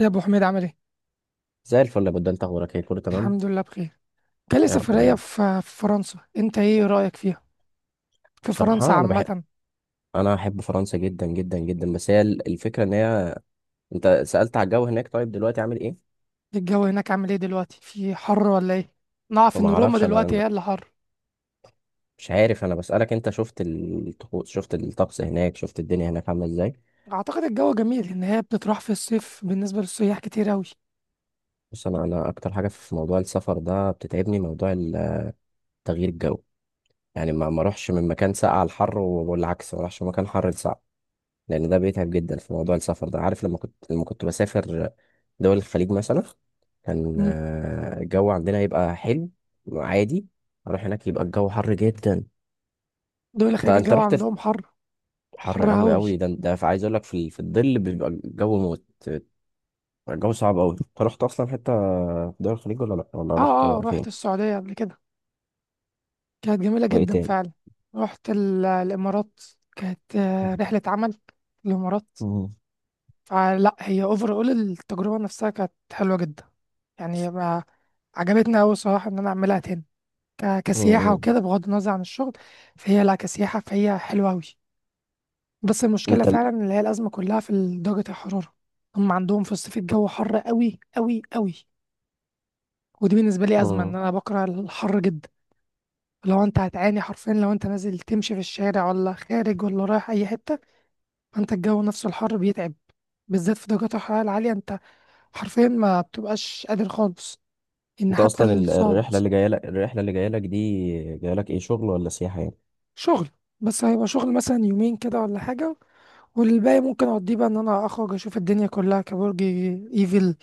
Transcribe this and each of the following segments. يا ابو حميد عامل ايه؟ زي الفل يا بود، انت اخبارك ايه؟ كله تمام؟ الحمد لله بخير. جالي يا رب سفريه دايما. في فرنسا، انت ايه رايك فيها؟ في فرنسا بصراحه انا بحب، عامه. انا احب فرنسا جدا جدا جدا، بس هي الفكره ان هي... انت سالت على الجو هناك، طيب دلوقتي عامل ايه؟ الجو هناك عامل ايه دلوقتي، في حر ولا ايه؟ نعرف وما ان روما اعرفش، انا دلوقتي أنا هي اللي حر. مش عارف، انا بسالك انت شفت الطقوس، شفت الطقس هناك، شفت الدنيا هناك عامله ازاي؟ اعتقد الجو جميل ان هي بتتراح في الصيف، بالنسبه للسياح كتير اوي. بص، انا اكتر حاجه في موضوع السفر ده بتتعبني، موضوع تغيير الجو. يعني ما اروحش من مكان ساقع لحر، والعكس ما اروحش من مكان حر لساقع، لان ده بيتعب جدا في موضوع السفر ده. عارف لما كنت بسافر دول الخليج مثلا، كان مم. الجو عندنا يبقى حلو عادي، اروح هناك يبقى الجو حر جدا. دول طب خارج انت الجو رحت في عندهم حر. حر حر قوي اوي. قوي ده، عايز اقول لك، في في الظل بيبقى الجو موت، الجو صعب قوي. انت رحت اصلا حته في دول الخليج ولا لا، ولا اه رحت اه، رحت فين؟ السعوديه قبل كده، كانت جميله وايه جدا تاني؟ فعلا. رحت الامارات. كانت رحله عمل. الامارات. مم. فلا هي اوفر اول التجربة نفسها كانت حلوة جدا. يعني ما، عجبتني أوي صراحة إن أنا أعملها تاني، كسياحة مم. وكده، بغض النظر عن الشغل. فهي لا، كسياحة فهي حلوة أوي. بس المشكلة انت ال- فعلا اللي هي الأزمة كلها في درجة الحرارة. هم عندهم في الصيف الجو حر أوي أوي أوي. ودي بالنسبة لي أزمة، إن مم. أنا بكره الحر جدا. لو أنت هتعاني حرفيا، لو أنت نازل تمشي في الشارع ولا خارج ولا رايح أي حتة، فأنت الجو نفسه الحر بيتعب، بالذات في درجات الحرارة العالية. أنت حرفيا ما بتبقاش قادر خالص، ان انت حتى اصلا الصعد. الرحله اللي جايه لك، دي جايه لك ايه، شغل ولا سياحه يعني؟ شغل. بس هيبقى شغل مثلا يومين كده ولا حاجة، والباقي ممكن اقضيه بقى ان انا اخرج اشوف الدنيا كلها كبرج ايفل.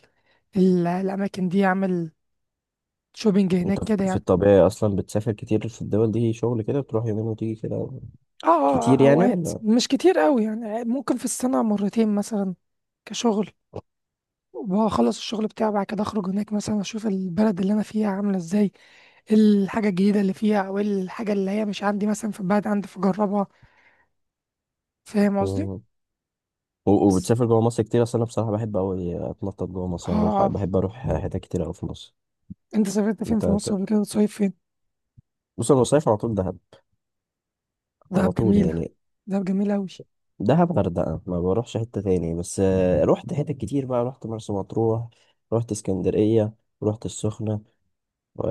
الاماكن دي، اعمل شوبينج انت هناك كده في يعني. الطبيعي اصلا بتسافر كتير في الدول دي شغل؟ كده بتروح يومين وتيجي كده؟ اه كتير اه، يعني اوقات ولا...؟ مش كتير قوي يعني، ممكن في السنة مرتين مثلا. كشغل، وبخلص الشغل بتاعي بعد كده اخرج هناك مثلا اشوف البلد اللي انا فيها عامله ازاي، الحاجه الجديده اللي فيها او الحاجه اللي هي مش عندي مثلا في البلد عندي فاجربها. فاهم قصدي؟ مم. بس وبتسافر جوه مصر كتير اصلا؟ انا بصراحه بحب اوي اتنطط جوه مصر، يعني بروح، اه. بحب اروح حتت كتير اوي في مصر. انت سافرت فين انت في مصر بت... قبل كده؟ بتصيف فين؟ بص انا بصيف على طول دهب، دهب على طول جميله. يعني، دهب جميله قوي. دهب غردقه ما بروحش حته تاني، بس رحت حتت كتير بقى، رحت مرسى مطروح، رحت اسكندريه، رحت السخنه، و...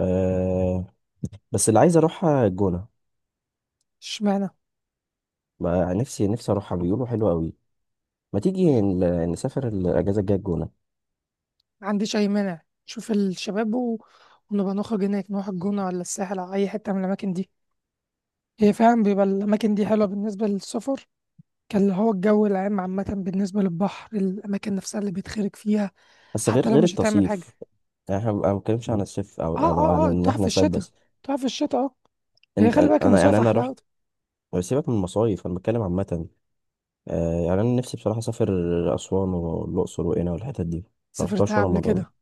بس اللي عايز اروحها الجونه اشمعنى؟ بقى، نفسي اروحها، بيقولوا حلوه قوي. ما تيجي نسافر الاجازه الجايه الجونه؟ ما عنديش اي مانع، شوف الشباب، و... ونبقى نخرج هناك نروح الجونه ولا الساحل او اي حته من الاماكن دي. هي فعلا بيبقى الاماكن دي حلوه بالنسبه للسفر، كان اللي هو الجو العام عامه بالنسبه للبحر، الاماكن نفسها اللي بيتخرج فيها، بس غير حتى لو غير مش هتعمل حاجه. التصيف، يعني احنا ما بنتكلمش عن الصيف، او اه عن اه اه، ان تروح في احنا نصيف الشتاء. بس. تروح في الشتاء اه. هي خلي بالك انا يعني المصايف رحت... احلى. سيبك من المصايف، انا بتكلم عامه. يعني انا نفسي بصراحه اسافر اسوان والاقصر وقنا والحتت دي، ما رحتهاش سافرتها ولا قبل مره. كده؟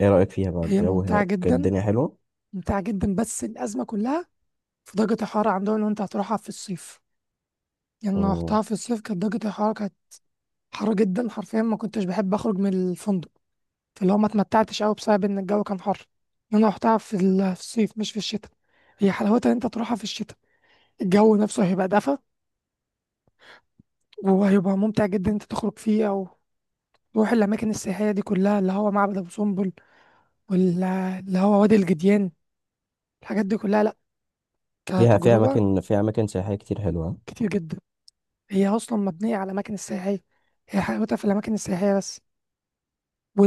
ايه رايك فيها بقى؟ هي الجو ممتعه هناك جدا. الدنيا حلوه؟ ممتعه جدا، بس الازمه كلها في درجة الحرارة عندهم. لو أنت هتروحها في الصيف، يعني أنا مم. رحتها في الصيف، كانت درجة الحرارة كانت حر جدا، حرفيا ما كنتش بحب أخرج من الفندق. فاللي هو ما اتمتعتش أوي بسبب إن الجو كان حر. أنا رحتها في في الصيف مش في الشتاء. هي حلاوتها إن أنت تروحها في الشتاء، الجو نفسه هيبقى دفى وهيبقى ممتع جدا إن أنت تخرج فيه، أو تروح الأماكن السياحية دي كلها، اللي هو معبد أبو سمبل، واللي هو وادي الجديان، الحاجات دي كلها. لأ، فيها فيها كتجربة. اماكن فيها اماكن سياحيه كتير حلوه. كتير جدا. هي أصلا مبنية على الأماكن السياحية، هي حلاوتها في الأماكن السياحية بس.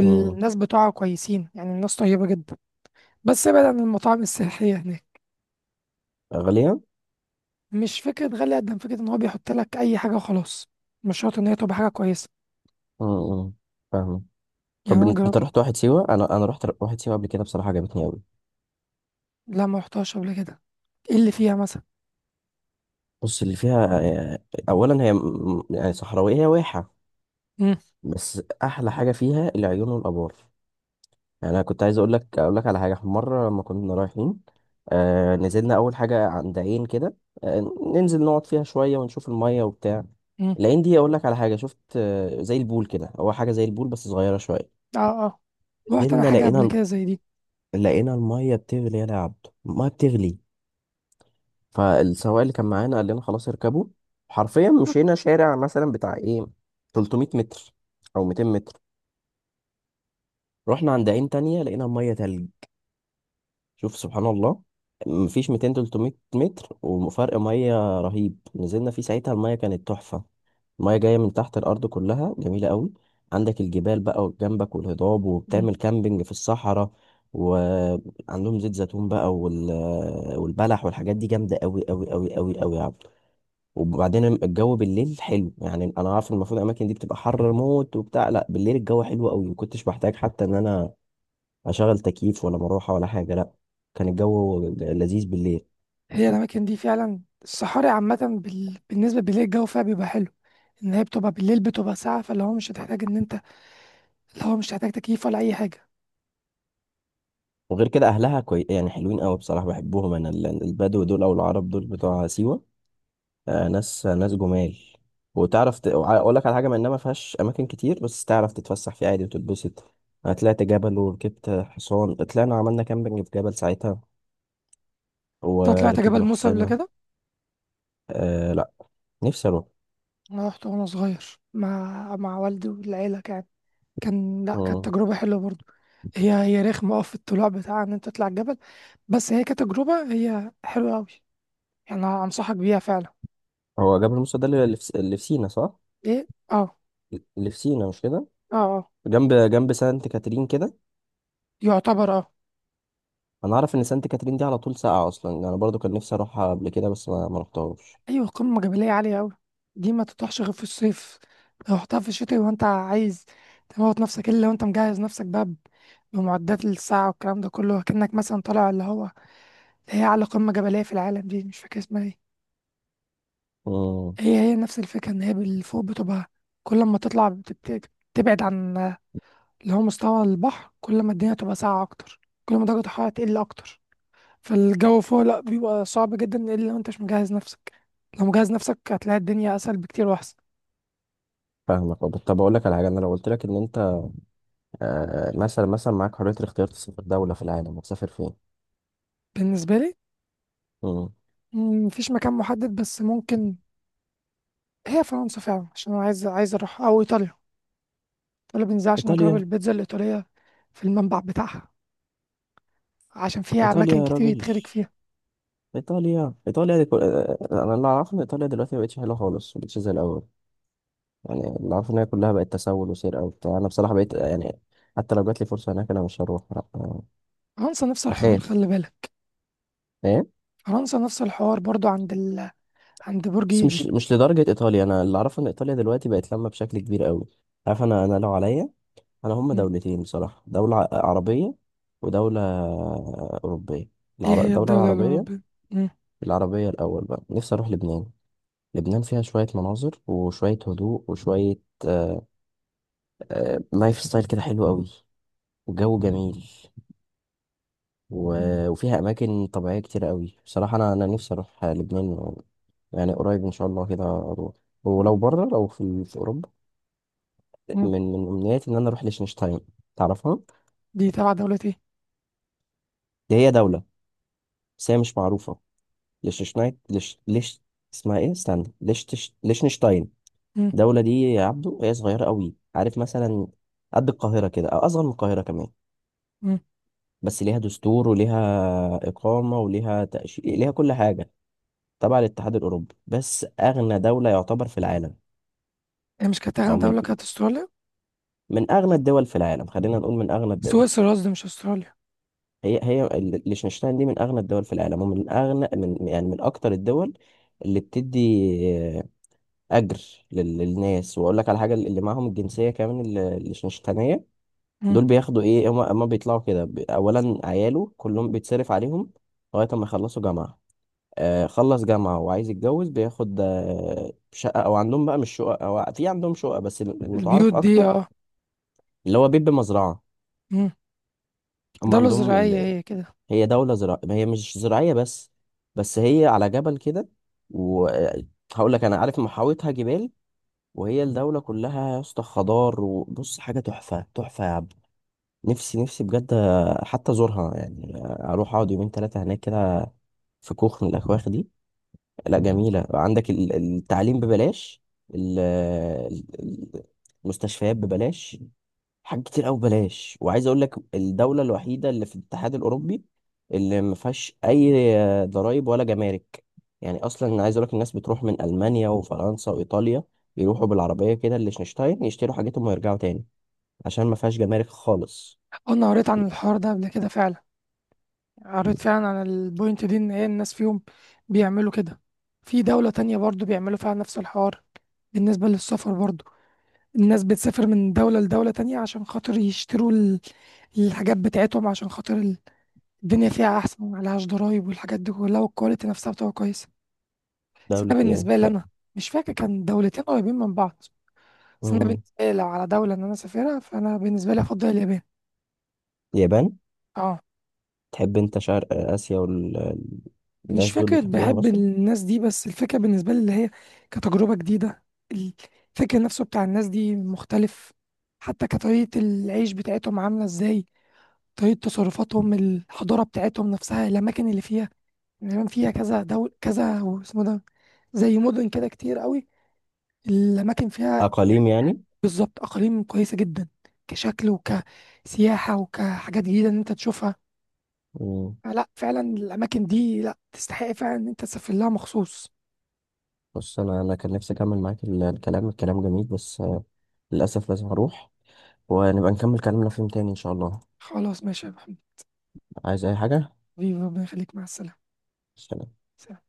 مم. بتوعها كويسين، يعني الناس طيبة جدا. بس ابعد عن المطاعم السياحية هناك. غاليه. مش فكرة غالية قد ما فكرة إن هو بيحط لك أي حاجة وخلاص، مش شرط إن هي تبقى حاجة كويسة. مم. مم. فاهم. يعني طب أنا انت، جربت. رحت واحد سيوه؟ انا رحت واحد سيوه قبل كده، بصراحه عجبتني قوي. لا، ما رحتهاش قبل كده. إيه اللي فيها مثلا؟ بص اللي فيها اولا هي يعني صحراويه، هي واحه. مم. بس احلى حاجه فيها العيون والابار. يعني انا كنت عايز اقول لك على حاجه، مره لما كنا رايحين، نزلنا اول حاجه عند عين كده، آه ننزل نقعد فيها شويه ونشوف الميه وبتاع. مم. العين دي اقول لك على حاجه، شفت زي البول كده، هو حاجه زي البول بس صغيره شويه. آه آه. رحت أنا نزلنا حاجة قبل لقينا كده زي دي. لقينا الميه بتغلي يا عبد، الميه بتغلي. فالسواق اللي كان معانا قال لنا: خلاص اركبوا. حرفيا مشينا شارع مثلا بتاع ايه، 300 متر او 200 متر. رحنا عند عين تانية، لقينا مية تلج. شوف سبحان الله. مفيش 200 300 متر، وفرق مية رهيب. نزلنا فيه ساعتها، المية كانت تحفة، المية جاية من تحت الأرض، كلها جميلة قوي. عندك الجبال بقى جنبك والهضاب، مم. وبتعمل كامبينج في الصحراء. وعندهم زيت زيتون بقى، والبلح والحاجات دي جامدة قوي قوي قوي قوي قوي. وبعدين الجو بالليل حلو، يعني انا عارف المفروض الاماكن دي بتبقى حر موت وبتاع، لا، بالليل الجو حلو قوي، ما كنتش بحتاج حتى ان انا اشغل تكييف ولا مروحه ولا حاجه، لا، كان الجو لذيذ بالليل. هي الأماكن دي فعلا، الصحاري عامة، بالنسبة بالليل الجو فيها بيبقى حلو، إن هي بتبقى بالليل بتبقى ساقعة، فاللي هو مش هتحتاج إن أنت، اللي هو مش هتحتاج تكييف ولا أي حاجة. وغير كده اهلها يعني حلوين قوي، بصراحه بحبهم، انا البدو دول او العرب دول بتوع سيوه، ناس جمال. وتعرف اقول لك على حاجه، ما انها ما فيهاش اماكن كتير، بس تعرف تتفسح فيها عادي وتتبسط. انا طلعت جبل وركبت حصان، طلعنا عملنا كامبينج في جبل ساعتها، أنت طلعت جبل وركبنا موسى قبل حصينه. كده؟ آه، نفسي اروح. انا رحت وانا صغير مع والدي والعيله. كان، لا، كانت مم. تجربه حلوه برضو. هي رخمه اه في الطلوع بتاع ان انت تطلع الجبل، بس هي كتجربه هي حلوه قوي. يعني أنا انصحك بيها فعلا. هو جبل موسى ده اللي في سينا، صح؟ ايه اه. اللي في سينا، مش كده؟ اه اه. جنب سانت كاترين كده. يعتبر اه. انا عارف ان سانت كاترين دي على طول ساقعه اصلا، يعني انا برضو كان نفسي اروحها قبل كده، بس ما رحتهاش. ايوه، قمه جبليه عاليه قوي. دي ما تطرحش غير في الصيف. لو رحتها في الشتاء وانت عايز تموت نفسك، الا لو انت مجهز نفسك بقى بمعدات للساعه والكلام ده كله، كأنك مثلا طالع اللي هو، اللي هي اعلى قمه جبليه في العالم دي، مش فاكر اسمها ايه. امم هي نفس الفكرة، إن هي بالفوق بتبقى، كل ما تطلع بتبعد عن اللي هو مستوى البحر، كل ما الدنيا تبقى ساقعة أكتر، كل ما درجة الحرارة تقل أكتر. فالجو فوق لأ بيبقى صعب جدا، إلا لو أنت مش مجهز نفسك. لو مجهز نفسك هتلاقي الدنيا أسهل بكتير وأحسن. فاهمك. طب اقول لك على حاجه، انا لو قلت لك ان انت مثلا، معاك حريه الاختيار تسافر دوله في العالم، هتسافر فين؟ بالنسبة لي امم مفيش مكان محدد، بس ممكن هي فرنسا فعلا، عشان أنا عايز أروح، أو إيطاليا. إيطاليا بنزل عشان أجرب ايطاليا؟ البيتزا الإيطالية في المنبع بتاعها، عشان فيها ايطاليا أماكن يا كتير راجل، يتخرج فيها. ايطاليا دي انا اللي اعرفه ان ايطاليا دلوقتي ما بقتش حلوه خالص، ما بقتش زي الاول. يعني اللي عارفه ان هي كلها بقت تسول وسرقه وبتاع، انا بصراحه بقيت يعني... حتى لو جات لي فرصه هناك انا مش هروح، لأ، آه، فرنسا نفس الحوار اخاف. خلي بالك. فاهم. فرنسا نفس الحوار برضو عند عند برج بس ايفل. مش لدرجه ايطاليا، انا اللي اعرفه ان ايطاليا دلوقتي بقت لما بشكل كبير قوي، عارف. انا لو عليا، انا هم مم. دولتين بصراحه: دوله عربيه ودوله اوروبيه. ايه هي الدوله الدولة العربيه، الأوروبية؟ مم. العربيه الاول بقى نفسي اروح لبنان. لبنان فيها شويه مناظر وشويه هدوء وشويه آه لايف ستايل كده حلو قوي، وجو جميل، مم. وفيها اماكن طبيعيه كتير قوي، بصراحه انا نفسي اروح لبنان، يعني قريب ان شاء الله كده اروح. ولو بره، لو في اوروبا، مم. من امنياتي ان انا اروح لشنشتاين، تعرفها؟ دي تبع دولة ايه؟ دي هي دوله، بس هي مش معروفه، ليشنشتاين، ليش ليش اسمها ايه، استنى، ليشنشتاين. مم. الدوله دي يا عبدو هي صغيره قوي، عارف، مثلا قد القاهره كده، او اصغر من القاهره كمان. مم. بس ليها دستور وليها اقامه وليها تاشيره، ليها كل حاجه، تبع الاتحاد الاوروبي، بس اغنى دوله يعتبر في العالم، هي مش كانت او أغنى من دولة كانت استراليا؟ من اغنى الدول في العالم، خلينا نقول من اغنى الدول. سويسرا قصدي مش استراليا. هي هي ليechtenstein دي من اغنى الدول في العالم، ومن اغنى من يعني من اكتر الدول اللي بتدي آه، اجر للناس. واقول لك على حاجه، اللي معاهم الجنسيه كمان، الليechtensteinيه، مم. دول بياخدوا ايه، هم بيطلعوا كده اولا عياله كلهم بيتصرف عليهم لغايه ما يخلصوا جامعه. خلص جامعه وعايز يتجوز، بياخد شقه، او عندهم بقى مش شقه، او في عندهم شقه، بس البيوت المتعارف دي اكتر اه. اللي هو بيت بمزرعه. مم. هم دولة عندهم... زراعية هي كده. هي دولة زراعية، هي مش زراعية بس، بس هي على جبل كده، وهقول لك انا عارف محاوطها جبال، وهي الدولة كلها يا اسطى خضار، وبص حاجة تحفة تحفة يا عبد. نفسي بجد حتى ازورها، يعني اروح اقعد يومين ثلاثة هناك كده في كوخ من الاكواخ دي. لا جميلة، عندك التعليم ببلاش، ال- ال- المستشفيات ببلاش، حاجات كتير قوي ببلاش. وعايز اقول لك، الدوله الوحيده اللي في الاتحاد الاوروبي اللي ما فيهاش اي ضرائب ولا جمارك. يعني اصلا عايز اقول لك، الناس بتروح من المانيا وفرنسا وايطاليا، يروحوا بالعربيه كده للشنشتاين، يشتروا حاجتهم ويرجعوا تاني، عشان ما فيهاش جمارك خالص. أنا قريت عن الحوار ده قبل كده فعلا، قريت فعلا عن البوينت دي، إن هي الناس فيهم بيعملوا كده في دولة تانية برضو، بيعملوا فيها نفس الحوار بالنسبة للسفر برضو. الناس بتسافر من دولة لدولة تانية عشان خاطر يشتروا الحاجات بتاعتهم، عشان خاطر الدنيا فيها أحسن ومعلهاش ضرايب والحاجات دي كلها، والكواليتي نفسها بتبقى كويسة. بس دوله أنا بالنسبة لي أنا، ايه؟ مش فاكر، كان دولتين قريبين من بعض. بس أنا مم. بالنسبة لي لو على دولة إن أنا أسافرها، فأنا بالنسبة لي أفضل اليابان. اليابان؟ أه. تحب انت شرق اسيا مش والناس دول فكرة بتحبهم بحب اصلا. الناس دي، بس الفكرة بالنسبة لي اللي هي كتجربة جديدة. الفكر نفسه بتاع الناس دي مختلف، حتى كطريقة العيش بتاعتهم عاملة إزاي، طريقة تصرفاتهم، الحضارة بتاعتهم نفسها، الأماكن اللي فيها. اليابان فيها كذا دول، كذا اسمه ده، زي مدن كده كتير قوي، الأماكن فيها يعني. اقاليم يعني؟ بالظبط، أقاليم كويسة جدا، كشكل وكسياحة وكحاجات جديدة إن أنت تشوفها. مم. لا فعلا الأماكن دي لا تستحق فعلا إن أنت تسافر لها مخصوص. بص، انا كان نفسي اكمل معاك الكلام، الكلام جميل، بس للاسف لازم اروح، ونبقى نكمل كلامنا في يوم تاني إن شاء الله. خلاص ماشي يا محمد. عايز أي حاجة؟ حبيبي ربنا يخليك مع السلامة. سلام. سلام.